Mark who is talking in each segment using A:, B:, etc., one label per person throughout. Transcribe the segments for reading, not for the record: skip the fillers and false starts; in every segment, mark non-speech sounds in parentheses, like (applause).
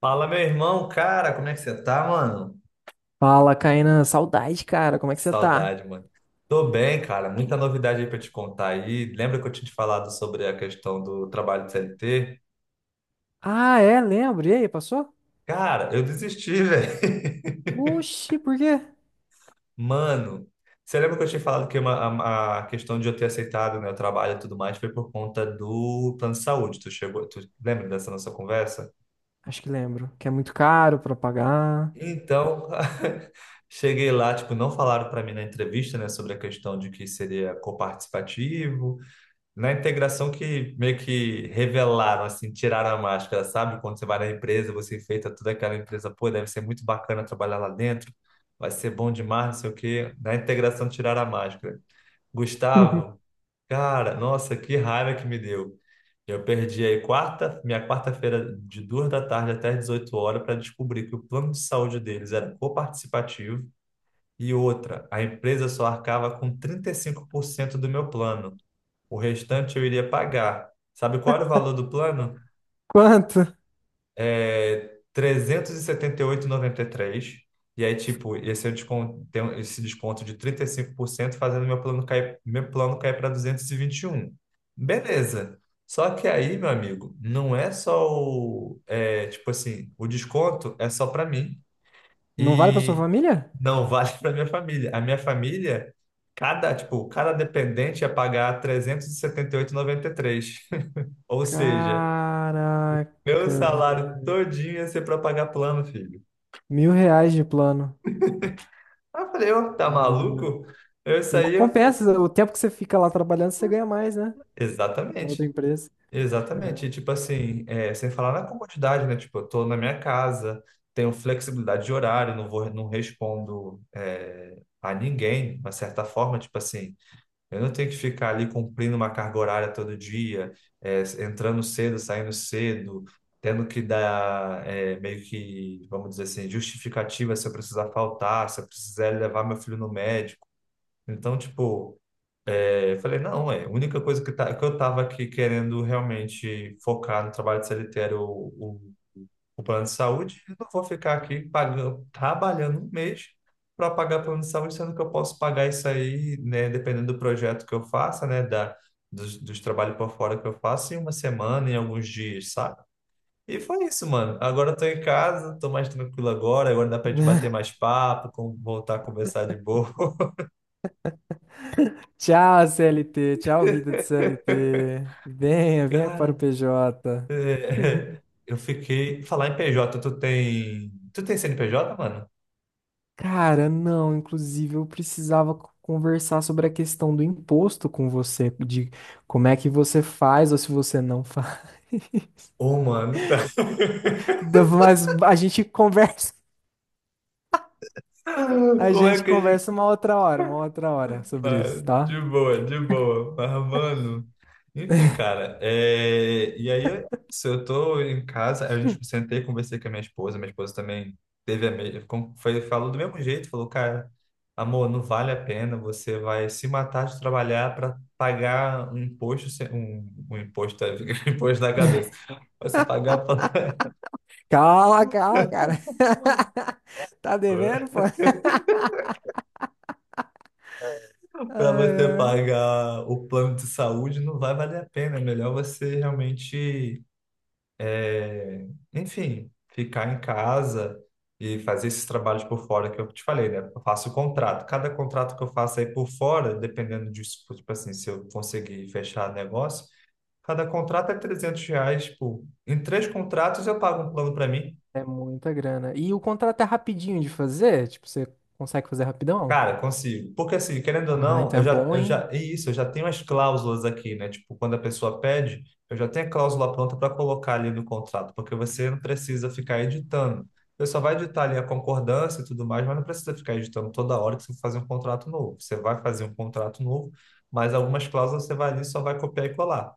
A: Fala, meu irmão, cara, como é que você tá, mano?
B: Fala, Kainan. Saudade, cara. Como é que você tá?
A: Saudade, mano. Tô bem, cara, muita novidade aí pra te contar aí. Lembra que eu tinha te falado sobre a questão do trabalho de CLT?
B: Ah, é? Lembro. E aí, passou?
A: Cara, eu desisti, velho. (laughs)
B: Oxi, por quê?
A: Mano, você lembra que eu tinha falado que a questão de eu ter aceitado, né, o trabalho e tudo mais foi por conta do plano de saúde? Tu lembra dessa nossa conversa?
B: Acho que lembro. Que é muito caro pra pagar.
A: Então, (laughs) cheguei lá, tipo, não falaram para mim na entrevista, né, sobre a questão de que seria coparticipativo. Na integração que meio que revelaram, assim, tiraram a máscara, sabe? Quando você vai na empresa, você enfeita toda aquela empresa, pô, deve ser muito bacana trabalhar lá dentro, vai ser bom demais, não sei o quê. Na integração tiraram a máscara. Gustavo,
B: (laughs)
A: cara, nossa, que raiva que me deu. Eu perdi aí minha quarta-feira de duas da tarde até 18h para descobrir que o plano de saúde deles era coparticipativo e outra, a empresa só arcava com 35% do meu plano. O restante eu iria pagar. Sabe qual era o valor do plano?
B: Quanto?
A: É trezentos e setenta e oito noventa e três. E aí, tipo, esse, é o desconto, esse desconto de 35% fazendo meu plano cair para duzentos e vinte e um. Beleza. Só que aí, meu amigo, não é só o, é, tipo assim, o desconto é só para mim.
B: Não vale pra sua
A: E
B: família?
A: não vale (laughs) para minha família. A minha família. Tipo, cada dependente ia pagar trezentos e setenta oito e noventa e três, ou seja, meu
B: Caraca,
A: salário
B: velho.
A: todinho ia ser para pagar plano, filho.
B: Mil reais de plano.
A: Aí eu falei, ô, tá maluco? Eu
B: Não
A: saí, eu.
B: compensa. O tempo que você fica lá trabalhando, você ganha mais, né? Na
A: Exatamente,
B: outra empresa.
A: exatamente.
B: É.
A: E, tipo assim, é, sem falar na comodidade, né? Tipo, eu tô na minha casa, tenho flexibilidade de horário, não respondo, é, a ninguém, de uma certa forma, tipo assim. Eu não tenho que ficar ali cumprindo uma carga horária todo dia, entrando cedo, saindo cedo, tendo que dar meio que, vamos dizer assim, justificativa se eu precisar faltar, se eu precisar levar meu filho no médico. Então, tipo, eu falei, não, é, a única coisa que, tá, que eu tava aqui querendo realmente focar no trabalho de CLT era o o plano de saúde e não vou ficar aqui pagando, trabalhando um mês para pagar plano de saúde, sendo que eu posso pagar isso aí, né, dependendo do projeto que eu faça, né, dos trabalhos por fora que eu faço, em uma semana, em alguns dias, sabe? E foi isso, mano. Agora eu tô em casa, tô mais tranquilo agora, agora dá pra gente bater mais papo, voltar a conversar de boa.
B: (laughs) Tchau, CLT. Tchau, vida de CLT. Venha,
A: (laughs)
B: venha para o
A: Cara,
B: PJ.
A: é, eu fiquei. Falar em PJ, Tu tem CNPJ, mano?
B: Cara, não, inclusive eu precisava conversar sobre a questão do imposto com você, de como é que você faz ou se você não faz.
A: Ô, mano, então.
B: (laughs) Mas a gente conversa,
A: (laughs) Como é que a gente.
B: uma outra hora, sobre
A: Ah,
B: isso, tá?
A: de boa, de boa. Mas, mano, enfim, cara. E aí, se eu tô em casa, a gente sentei, conversei com a minha esposa. Minha esposa também teve a mesma. Foi, falou do mesmo jeito, falou, cara, amor, não vale a pena. Você vai se matar de trabalhar para pagar um imposto, um imposto, (laughs) um imposto na cabeça. Você pagar pra-
B: Cala, cala, cara. (laughs) Tá devendo,
A: (laughs)
B: pô? Ai,
A: Para você
B: ai.
A: pagar o plano de saúde não vai valer a pena. É melhor você realmente. É, Enfim, ficar em casa e fazer esses trabalhos por fora que eu te falei, né? Eu faço o contrato. Cada contrato que eu faço aí por fora, dependendo disso, tipo assim, se eu conseguir fechar negócio, cada contrato é R$300. Tipo, em três contratos eu pago um plano para mim.
B: É muita grana. E o contrato é rapidinho de fazer? Tipo, você consegue fazer rapidão?
A: Cara, consigo. Porque assim, querendo ou
B: Ah,
A: não,
B: então é bom, hein?
A: é isso, eu já tenho as cláusulas aqui, né? Tipo, quando a pessoa pede, eu já tenho a cláusula pronta para colocar ali no contrato, porque você não precisa ficar editando. Você só vai editar ali a concordância e tudo mais, mas não precisa ficar editando toda hora que você for fazer um contrato novo. Você vai fazer um contrato novo, mas algumas cláusulas você vai ali e só vai copiar e colar.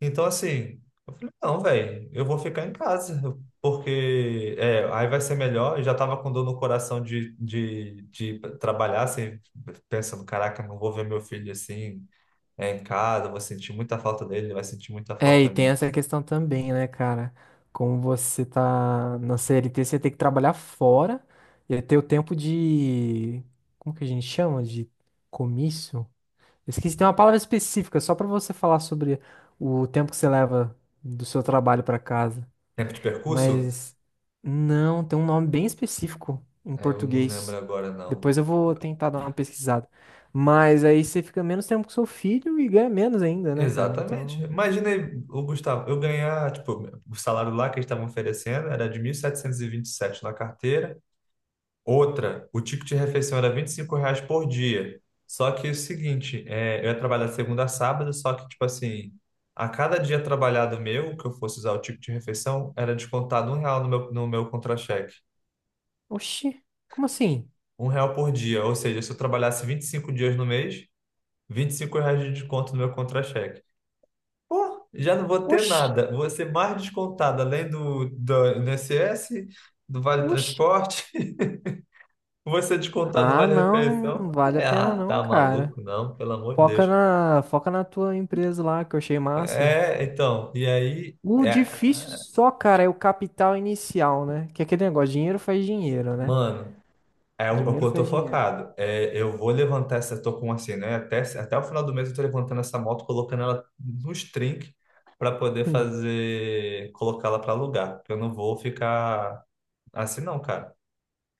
A: Então, assim, eu falei, não, velho, eu vou ficar em casa, porque aí vai ser melhor. Eu já tava com dor no coração de trabalhar, assim, pensando, caraca, não vou ver meu filho assim, em casa, eu vou sentir muita falta dele, ele vai sentir muita
B: É,
A: falta
B: e
A: a
B: tem
A: mim.
B: essa questão também, né, cara? Como você tá na CLT, você tem que trabalhar fora e ter o tempo de. Como que a gente chama? De comício? Eu esqueci, tem uma palavra específica só pra você falar sobre o tempo que você leva do seu trabalho pra casa.
A: Tempo de percurso?
B: Mas não, tem um nome bem específico em
A: É, eu não lembro
B: português.
A: agora, não.
B: Depois eu vou tentar dar uma pesquisada. Mas aí você fica menos tempo com seu filho e ganha menos ainda, né, cara?
A: Exatamente.
B: Então.
A: Imaginei, o Gustavo, eu ganhar, tipo, o salário lá que eles estavam oferecendo era de mil setecentos e vinte e sete na carteira. Outra, o ticket de refeição era R$25 por dia. Só que é o seguinte, eu ia trabalhar de segunda a sábado, só que, tipo assim, a cada dia trabalhado meu, que eu fosse usar o ticket de refeição, era descontado um real no meu contra-cheque.
B: Oxi, como assim?
A: Um real por dia. Ou seja, se eu trabalhasse 25 dias no mês, R$25 de desconto no meu contra-cheque. Pô, já não vou ter
B: Oxi,
A: nada. Vou ser mais descontado, além do INSS, do Vale
B: oxi.
A: Transporte. Você descontar do
B: Ah,
A: Vale
B: não,
A: Refeição?
B: não
A: Eu
B: vale a
A: falei,
B: pena
A: ah,
B: não,
A: tá
B: cara.
A: maluco, não, pelo amor de Deus.
B: Foca na tua empresa lá, que eu achei massa.
A: É, então, e aí,
B: O
A: é,
B: difícil só, cara, é o capital inicial, né? Que é aquele negócio, dinheiro faz dinheiro, né?
A: mano, é o que
B: Dinheiro
A: eu tô
B: faz dinheiro.
A: focado. É, eu vou levantar essa, tô com assim, né? Até o final do mês eu tô levantando essa moto, colocando ela nos trinques para poder
B: Hum.
A: fazer, colocá-la para alugar. Porque eu não vou ficar assim, não, cara.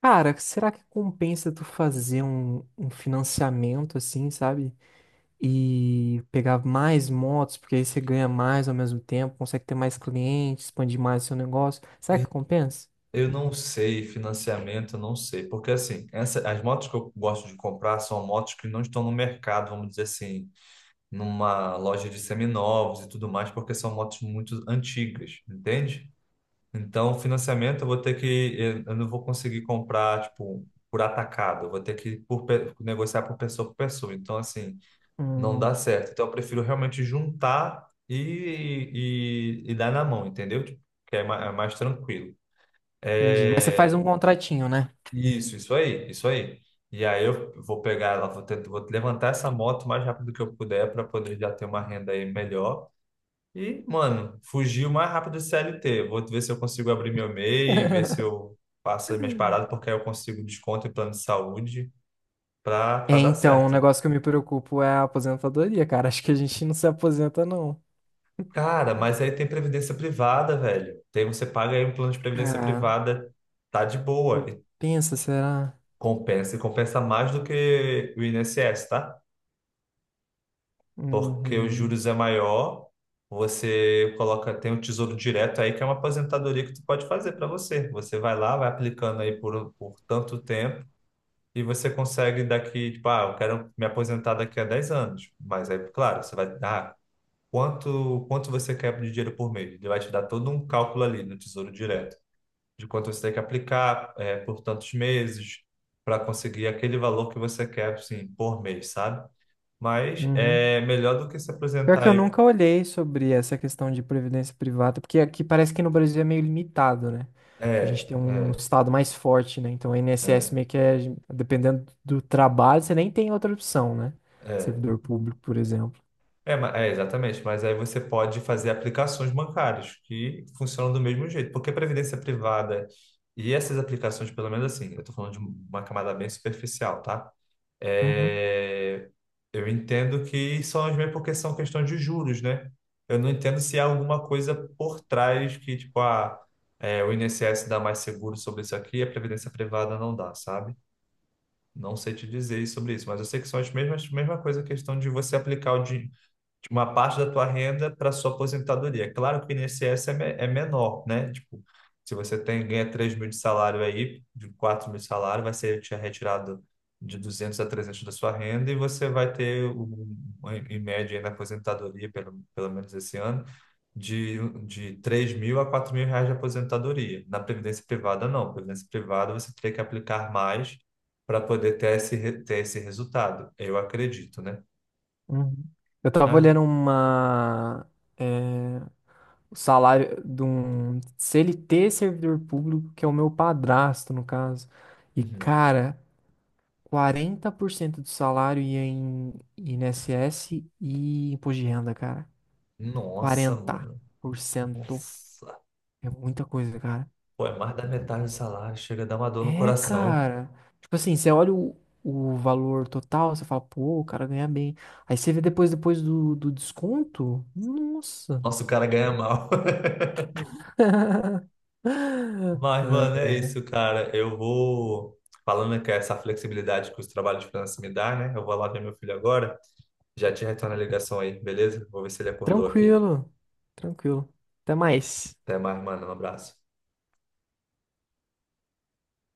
B: Cara, será que compensa tu fazer um financiamento assim, sabe? E pegar mais motos, porque aí você ganha mais ao mesmo tempo, consegue ter mais clientes, expandir mais seu negócio. Será que compensa?
A: Eu não sei financiamento, eu não sei. Porque assim, as motos que eu gosto de comprar são motos que não estão no mercado, vamos dizer assim, numa loja de seminovos e tudo mais, porque são motos muito antigas, entende? Então, financiamento eu vou ter que, eu não vou conseguir comprar, tipo, por atacado, eu vou ter que negociar por pessoa por pessoa. Então, assim, não dá
B: Hum,
A: certo. Então, eu prefiro realmente juntar e dar na mão, entendeu? Tipo, que é mais tranquilo.
B: Entendi. Mas você faz um
A: É,
B: contratinho, né?
A: isso aí, isso aí. E aí eu vou pegar ela, vou levantar essa moto o mais rápido que eu puder para poder já ter uma renda aí melhor. E, mano, fugir o mais rápido do CLT. Vou ver se eu consigo abrir meu MEI, ver
B: (laughs)
A: se eu faço as minhas paradas, porque aí eu consigo desconto em plano de saúde pra
B: É,
A: dar
B: então, o
A: certo.
B: negócio que eu me preocupo é a aposentadoria, cara. Acho que a gente não se aposenta, não.
A: Cara, mas aí tem previdência privada, velho. Tem, você paga aí um plano de previdência
B: Cara,
A: privada, tá de boa.
B: compensa, será?
A: E compensa mais do que o INSS, tá? Porque os
B: Uhum,
A: juros é maior, você coloca, tem o Tesouro Direto aí, que é uma aposentadoria que tu pode fazer pra você. Você vai lá, vai aplicando aí por tanto tempo. E você consegue daqui, tipo, ah, eu quero me aposentar daqui a 10 anos. Mas aí, claro, você vai dar quanto você quer de dinheiro por mês. Ele vai te dar todo um cálculo ali no Tesouro Direto, de quanto você tem que aplicar por tantos meses para conseguir aquele valor que você quer, assim, por mês, sabe? Mas
B: uhum.
A: é melhor do que se
B: Pior
A: aposentar
B: que eu
A: aí.
B: nunca olhei sobre essa questão de previdência privada, porque aqui parece que no Brasil é meio limitado, né? Que a gente
A: É,
B: tem um
A: é,
B: estado mais forte, né? Então, o INSS
A: é,
B: meio que é, dependendo do trabalho, você nem tem outra opção, né?
A: é.
B: Servidor público, por exemplo.
A: Exatamente, mas aí você pode fazer aplicações bancárias que funcionam do mesmo jeito, porque previdência privada e essas aplicações, pelo menos assim, eu estou falando de uma camada bem superficial, tá?
B: Uhum.
A: É, eu entendo que são as mesmas porque são questão de juros, né? Eu não entendo se há alguma coisa por trás que, tipo, ah, o INSS dá mais seguro sobre isso aqui e a previdência privada não dá, sabe? Não sei te dizer sobre isso, mas eu sei que são as mesmas, mesma coisa, a questão de você aplicar o dinheiro, tipo, uma parte da tua renda para sua aposentadoria. Claro que o INSS é menor, né? Tipo, se você ganha 3 mil de salário aí, de 4 mil de salário, vai ser te retirado de 200 a 300 da sua renda e você vai ter, em média, aí na aposentadoria, pelo menos esse ano, de, de 3 mil a 4 mil reais de aposentadoria. Na Previdência Privada, não. Previdência Privada, você teria que aplicar mais para poder ter ter esse resultado. Eu acredito, né?
B: Uhum. Eu tava
A: Ah,
B: olhando é, o salário de um CLT servidor público, que é o meu padrasto, no caso. E,
A: uhum.
B: cara, 40% do salário ia em INSS e imposto de renda, cara.
A: Nossa,
B: Quarenta
A: mano.
B: por cento
A: Nossa.
B: é muita coisa, cara.
A: Pô, é mais da metade do salário. Chega a dar uma dor no
B: É,
A: coração.
B: cara. Tipo assim, você olha o valor total, você fala, pô, o cara ganha bem. Aí você vê depois, depois do desconto, nossa.
A: Nossa, o cara ganha mal. (laughs)
B: (laughs)
A: Mas,
B: Ah,
A: mano, é isso, cara. Eu vou. Falando que é essa flexibilidade que os trabalhos de freelance me dá, né? Eu vou lá ver meu filho agora. Já te retorno a ligação aí, beleza? Vou ver se ele acordou aqui.
B: tranquilo, tranquilo. Até mais.
A: Até mais, mano. Um abraço.